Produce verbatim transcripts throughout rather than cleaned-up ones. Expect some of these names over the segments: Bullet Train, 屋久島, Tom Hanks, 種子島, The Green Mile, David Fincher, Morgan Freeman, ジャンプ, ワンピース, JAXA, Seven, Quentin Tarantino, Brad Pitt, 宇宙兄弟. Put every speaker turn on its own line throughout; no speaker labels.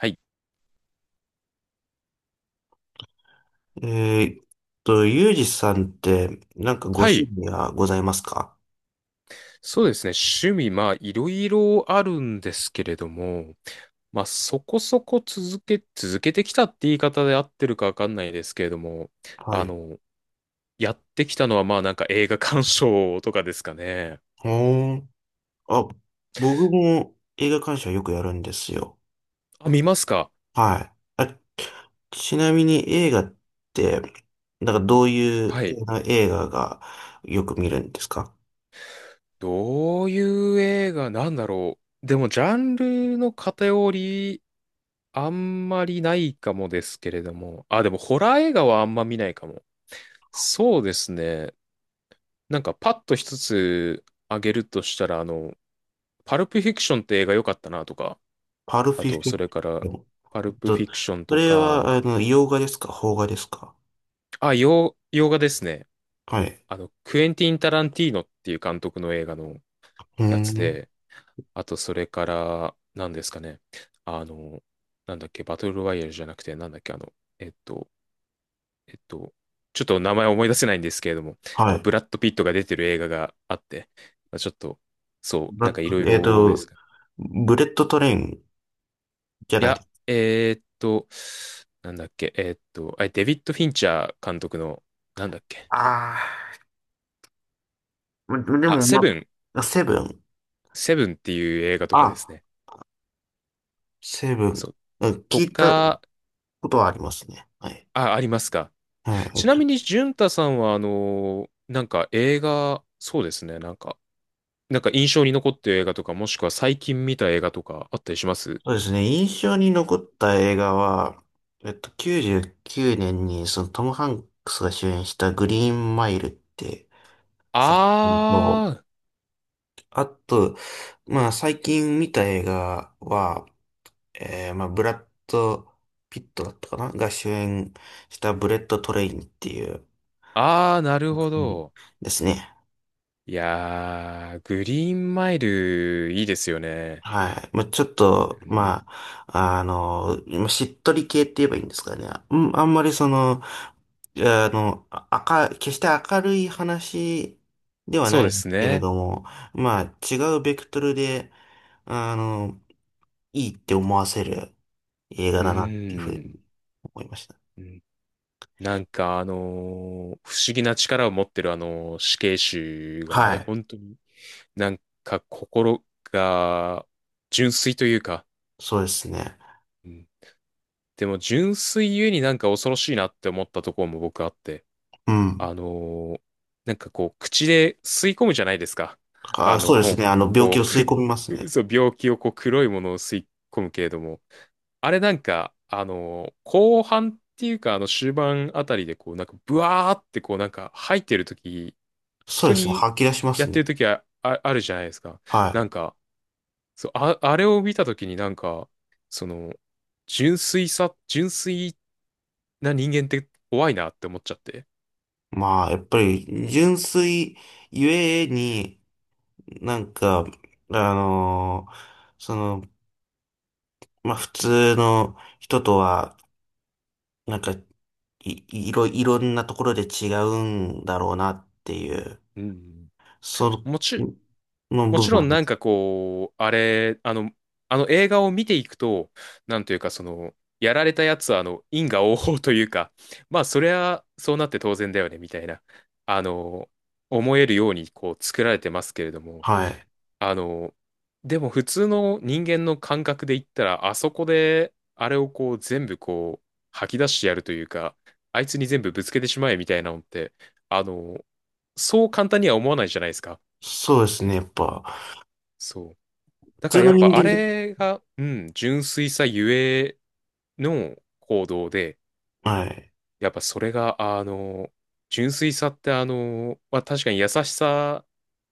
はい。
えーっと、ユージさんって、なんかご
は
趣
い。
味はございますか？
そうですね。趣味、まあ、いろいろあるんですけれども、まあ、そこそこ続け、続けてきたって言い方で合ってるかわかんないですけれども、
は
あ
い。
の、やってきたのは、まあ、なんか映画鑑賞とかですかね。
ほーん。あ、僕も映画鑑賞よくやるんですよ。
あ、見ますか？
はい。あ、ちなみに映画って、なんかどうい
は
う
い。
映画がよく見るんですか？
どういう映画なんだろう。でも、ジャンルの偏り、あんまりないかもですけれども。あ、でも、ホラー映画はあんま見ないかも。そうですね。なんかパッと一つ挙げるとしたら、あの、パルプフィクションって映画良かったなとか、
パルフ
あ
ィ
と、
フィ
それか
え
ら、
っ
パルプフ
と、
ィクション
そ
と
れは、
か、
あの、洋画ですか邦画ですか？
あ、洋、洋画ですね。
はい。
あの、クエンティン・タランティーノっていう監督の映画の
うー
やつ
ん。
で、あと、それから、何ですかね。あの、なんだっけ、バトルロワイヤルじゃなくて、なんだっけ、あの、えっと、えっと、ちょっと名前思い出せないんですけれども、あ
は
の、
い。
ブラッド・ピットが出てる映画があって、まあちょっと、そう、
ブ
な
ラ
んか
ッ
いろ
ド
い
えっ
ろで
と、
す。
ブレッドトレインじゃ
い
ないで
や、
す。
えーっと、なんだっけ、えーっと、あれ、デビッド・フィンチャー監督の、なんだっけ、
ああ。まで
あ、
も、
セ
ま
ブン、
あ、セブン。
セブンっていう映画とかです
あ、
ね。
セブン。
そう。
うん、
と
聞いた
か、
ことはありますね。はい。
あ、ありますか。
は
ちなみ
い。
に、淳太さんは、あのー、なんか映画、そうですね、なんか、なんか印象に残ってる映画とか、もしくは最近見た映画とかあったりします？
そうですね。印象に残った映画は、えっと、きゅうじゅうきゅうねんに、そのトム・ハンクスが主演したグリーンマイルって作品と、
あー、
あと、まあ、最近見た映画は、えーまあ、ブラッド・ピットだったかなが主演したブレット・トレインっていう
あー、なる
作
ほ
品
ど。
ですね。
いやー、グリーンマイル、いいですよね。
はい。まあ、ちょっと、
うん。
まあ、あの、まあしっとり系って言えばいいんですかね。うん、あんまりその、あの、あか、決して明るい話では
そう
な
で
い
す
けれ
ね。
ども、まあ、違うベクトルで、あの、いいって思わせる映
う
画
ー
だなっていうふう
ん。
に思いました。
うん。なんかあのー不思議な力を持ってるあの死刑囚が
は
ね、
い。
本当になんか心が純粋というか、
そうですね。
うん。でも純粋ゆえになんか恐ろしいなって思ったところも僕あって、
うん。
あのーなんかこう、口で吸い込むじゃないですか。
あ、
あ
そ
の、
うですね。あの、病
こ
気を
う、
吸い込
く、
みます ね。
そう、病気をこう、黒いものを吸い込むけれども、あれなんか、あのー後半っていうか、あの、終盤あたりでこう、なんか、ブワーってこう、なんか、吐いてるとき、
そう
人
ですね。
に
吐き出しま
や
す
って
ね。
るときは、あ、あるじゃないですか。な
は
んか、そう、あ、あれを見たときになんか、その、純粋さ、純粋な人間って怖いなって思っちゃって。
い。まあ、やっぱり、純粋ゆえに、なんか、あのーその、まあ、普通の人とは、なんか、い、いろ、いろんなところで違うんだろうなっていう、
うん。
その、
もち、
の
も
部
ちろん
分。
なんかこう、あれ、あの、あの映画を見ていくと、なんというかその、やられたやつはあの、因果応報というか、まあそりゃそうなって当然だよね、みたいな、あの、思えるようにこう作られてますけれども、
はい。
あの、でも普通の人間の感覚で言ったら、あそこで、あれをこう全部こう、吐き出してやるというか、あいつに全部ぶつけてしまえみたいなのって、あの、そう簡単には思わないじゃないですか。
そうですね、やっぱ。
そう。
普
だか
通
らや
の
っ
人
ぱあ
間で、
れが、うん、純粋さゆえの行動で、
はい。
やっぱそれが、あの、純粋さってあの、まあ、確かに優しさ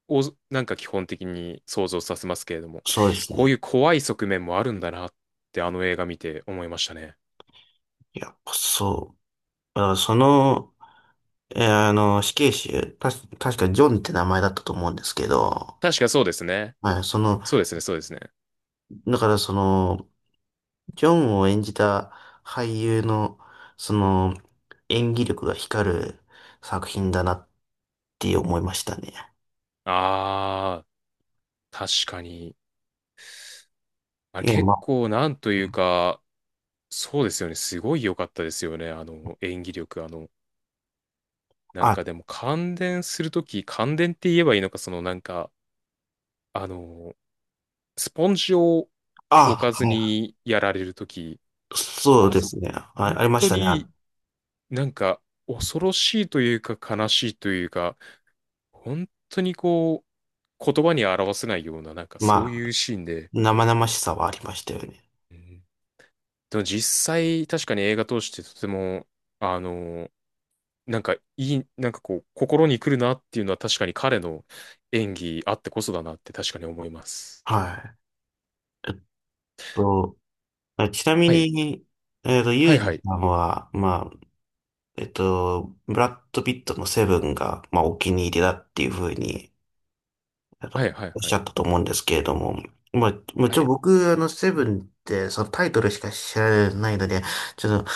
をなんか基本的に想像させますけれども、
そうです
こうい
ね。
う怖い側面もあるんだなってあの映画見て思いましたね。
やっぱそう。だからその、えーあの、死刑囚、たし、確かジョンって名前だったと思うんですけど、
確かそうですね。
はい、その、
そうですね、そうですね。
だからその、ジョンを演じた俳優の、その、演技力が光る作品だなって思いましたね。
あー、確かに。あれ
いや、
結
ま
構なんというか、そうですよね。すごい良かったですよね。あの、演技力、あの、なん
あ、あ、
かでも感電するとき、感電って言えばいいのか、そのなんか、あの、スポンジを置
あ、
かず
は
にやられるとき、
い、そう
あ
で
そ
す
こ、
ね。あ、
本
ありまし
当
たね。あ
になんか恐ろしいというか悲しいというか、本当にこう、言葉に表せないような、なんかそう
ま
い
あ、
うシーンで、
生々しさはありましたよね。
うん。でも実際確かに映画通してとても、あの、なんかいい、なんかこう、心に来るなっていうのは確かに彼の演技あってこそだなって確かに思います。
はい。えっと、あちなみ
はい。
に、えっと、ユ
は
ー
いは
ジ
い。
さんは、まあ、えっと、ブラッド・ピットのセブンが、まあ、お気に入りだっていうふうにあ
は
の
いはい
おっ
は
しゃ
い。
ったと思うんですけれども、まあ、も
は
ちろん
い。
僕、あの、セブンって、そのタイトルしか知らないので、ちょっと、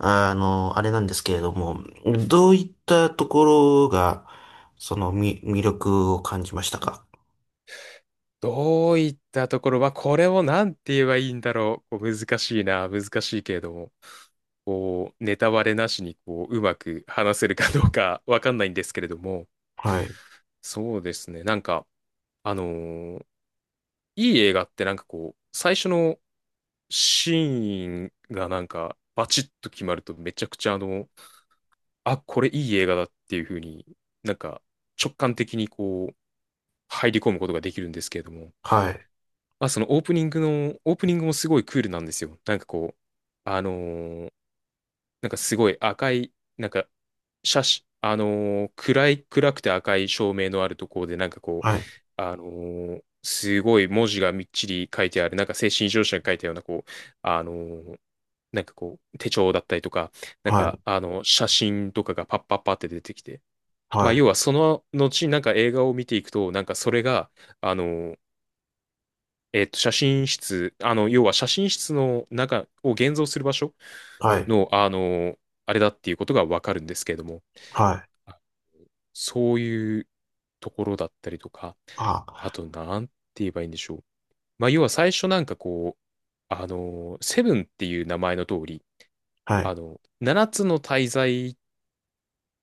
あの、あれなんですけれども、どういったところが、その、み、魅力を感じましたか？
どういったところは、これをなんて言えばいいんだろう。こう難しいな、難しいけれども、こう、ネタバレなしに、こう、うまく話せるかどうか わかんないんですけれども、
はい、
そうですね。なんか、あのーいい映画ってなんかこう、最初のシーンがなんか、バチッと決まるとめちゃくちゃあの、あ、これいい映画だっていう風になんか直感的にこう、入り込むことができるんですけれども、
はい、
まあ、そのオープニングの、オープニングもすごいクールなんですよ。なんかこう、あのーなんかすごい赤い、なんか、写真、あのー暗い、暗くて赤い照明のあるところで、なんかこう、
はい、
あのーすごい文字がみっちり書いてある、なんか精神異常者が書いたような、こう、あのーなんかこう、手帳だったりとか、なん
は
か、
い、
あの、写真とかがパッパッパって出てきて、ま
は
あ、要
い、
はその後、なんか映画を見ていくと、なんかそれが、あのえっと、写真室、あの、要は写真室の中を現像する場所
はい、
の、あの、あれだっていうことがわかるんですけれども、
はい、
あそういうところだったりとか、あ
あ、
と、なんて言えばいいんでしょう。まあ、要は最初なんかこう、あの、セブンっていう名前の通り、
は
あ
い、
の、七つの大罪っ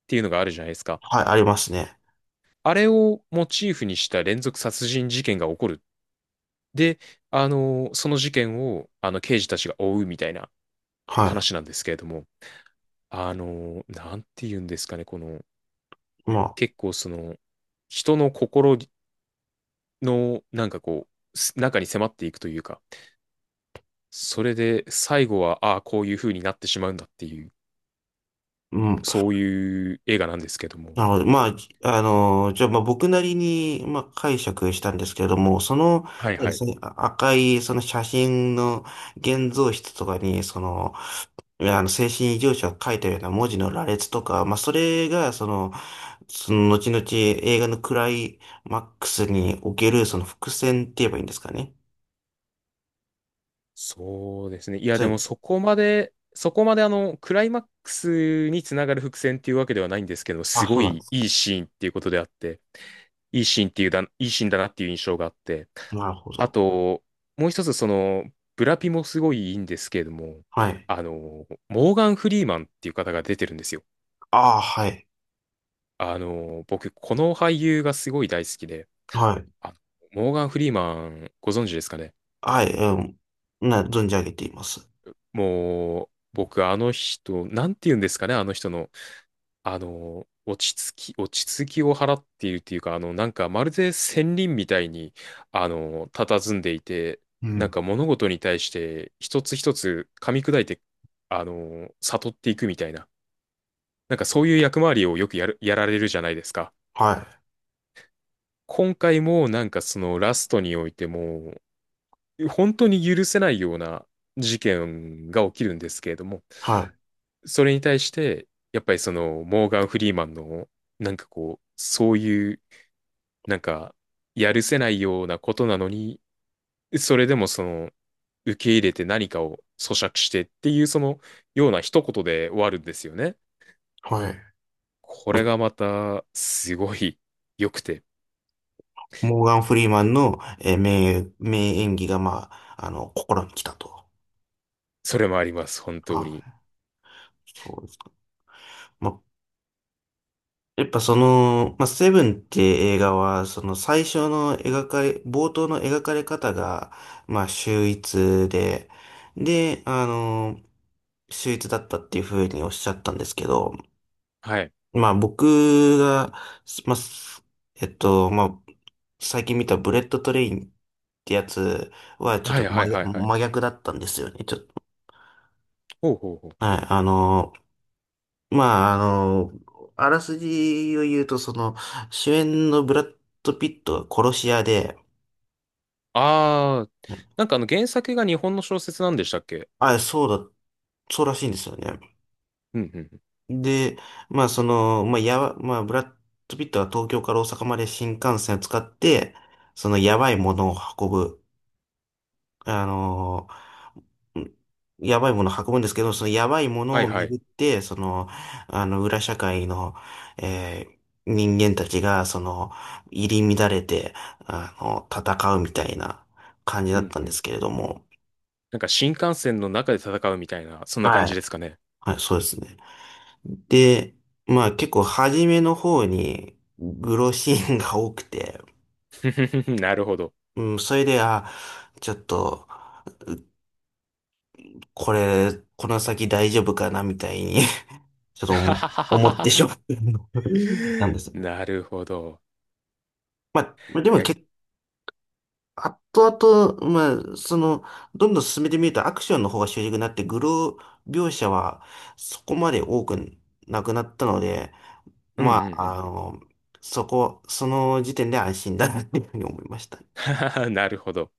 ていうのがあるじゃないですか。
はい、ありますね。
あれをモチーフにした連続殺人事件が起こる。で、あの、その事件を、あの、刑事たちが追うみたいな
は
話なんですけれども、あの、なんて言うんですかね、この、
い。まあ、
結構その、人の心の、なんかこう、す中に迫っていくというか、それで最後は、ああ、こういう風になってしまうんだっていう、
うん。
そういう映画なんですけども、
なのでまあ、じあのじゃあ、まあ、僕なりに、まあ、解釈したんですけれども、その、
はいはい。
そのあ赤い、その写真の現像室とかに、その、いやあの、精神異常者を書いたような文字の羅列とか、まあ、それが、その、その、後々映画のクライマックスにおける、その伏線って言えばいいんですかね？
そうですね。いや、
そ
で
れ
もそこまで、そこまであの、クライマックスにつながる伏線っていうわけではないんですけど、す
あ、そ
ご
うなんで
い
す。
いいシーンっていうことであって、いいシーンっていうだ、いいシーンだなっていう印象があって、
なるほ
あ
ど。
と、もう一つその、ブラピもすごいいいんですけれども、
はい。
あの、モーガン・フリーマンっていう方が出てるんですよ。
ああ、はい。
あの、僕、この俳優がすごい大好きで、
はい。
あモーガン・フリーマン、ご存知ですかね？
はい、うん。な、存じ上げています。
もう、僕、あの人、なんて言うんですかね、あの人の。あの、落ち着き、落ち着きを払っているっていうか、あの、なんかまるで仙人みたいに、あの、佇んでいて、
う
なん
ん。
か物事に対して一つ一つ噛み砕いて、あの、悟っていくみたいな、なんかそういう役回りをよくやる、やられるじゃないですか。
はい。
今回もなんかそのラストにおいても、本当に許せないような事件が起きるんですけれども、
はい。
それに対して、やっぱりそのモーガン・フリーマンの、なんかこう、そういうなんか、やるせないようなことなのに、それでもその、受け入れて何かを咀嚼してっていう、その、ような一言で終わるんですよね。
はい。
こ
ま
れがまた、すごい良くて、
モーガン・フリーマンの、えー名、名演技が、まあ、あの、心に来たと。
それもあります、本当
は
に。
い。そうですか。まあ、やっぱその、まあ、セブンって映画は、その最初の描かれ、冒頭の描かれ方が、まあ、秀逸で、で、あの、秀逸だったっていうふうにおっしゃったんですけど、
はい。
まあ僕が、まあ、すえっと、まあ最近見たブレッドトレインってやつはちょっ
は
と
い
真
はいは
逆、
いはい。
真逆だったんですよね。ちょっと、
ほうほうほう。
はい、あの、まあ、あの、あらすじを言うと、その、主演のブラッド・ピットが殺し屋で、
あー、なんかあの原作が日本の小説なんでしたっけ？
あ、そうだ、そうらしいんですよね。
うんうんうん。
で、まあ、その、まあ、やば、まあ、ブラッド・ピットは東京から大阪まで新幹線を使って、その、やばいものを運ぶ、あのやばいものを運ぶんですけど、そのやばいも
は
の
い
を
はい。
巡って、その、あの、裏社会の、えー人間たちが、その、入り乱れて、あの、戦うみたいな感じ
う
だっ
ん
たん
う
ですけ
ん。
れども、
なんか新幹線の中で戦うみたいな、そんな感
は
じ
い。
ですかね。
はい、そうですね。で、まあ結構初めの方に、グロシーンが多くて、
ふふふ。なるほど。
うん、それで、あ、ちょっと、これ、この先大丈夫かな、みたいに ちょっと思思ってし まっ たんです。
なるほど。
まあ、で
い
も
や、
結構、後々、まあ、その、どんどん進めてみるとアクションの方が主軸になって、グロー描写はそこまで多くなくなったので、
うんう
ま
んう
あ、あ
ん
の、そこ、その時点で安心だなっていうふうに思いました。
うん。なるほど。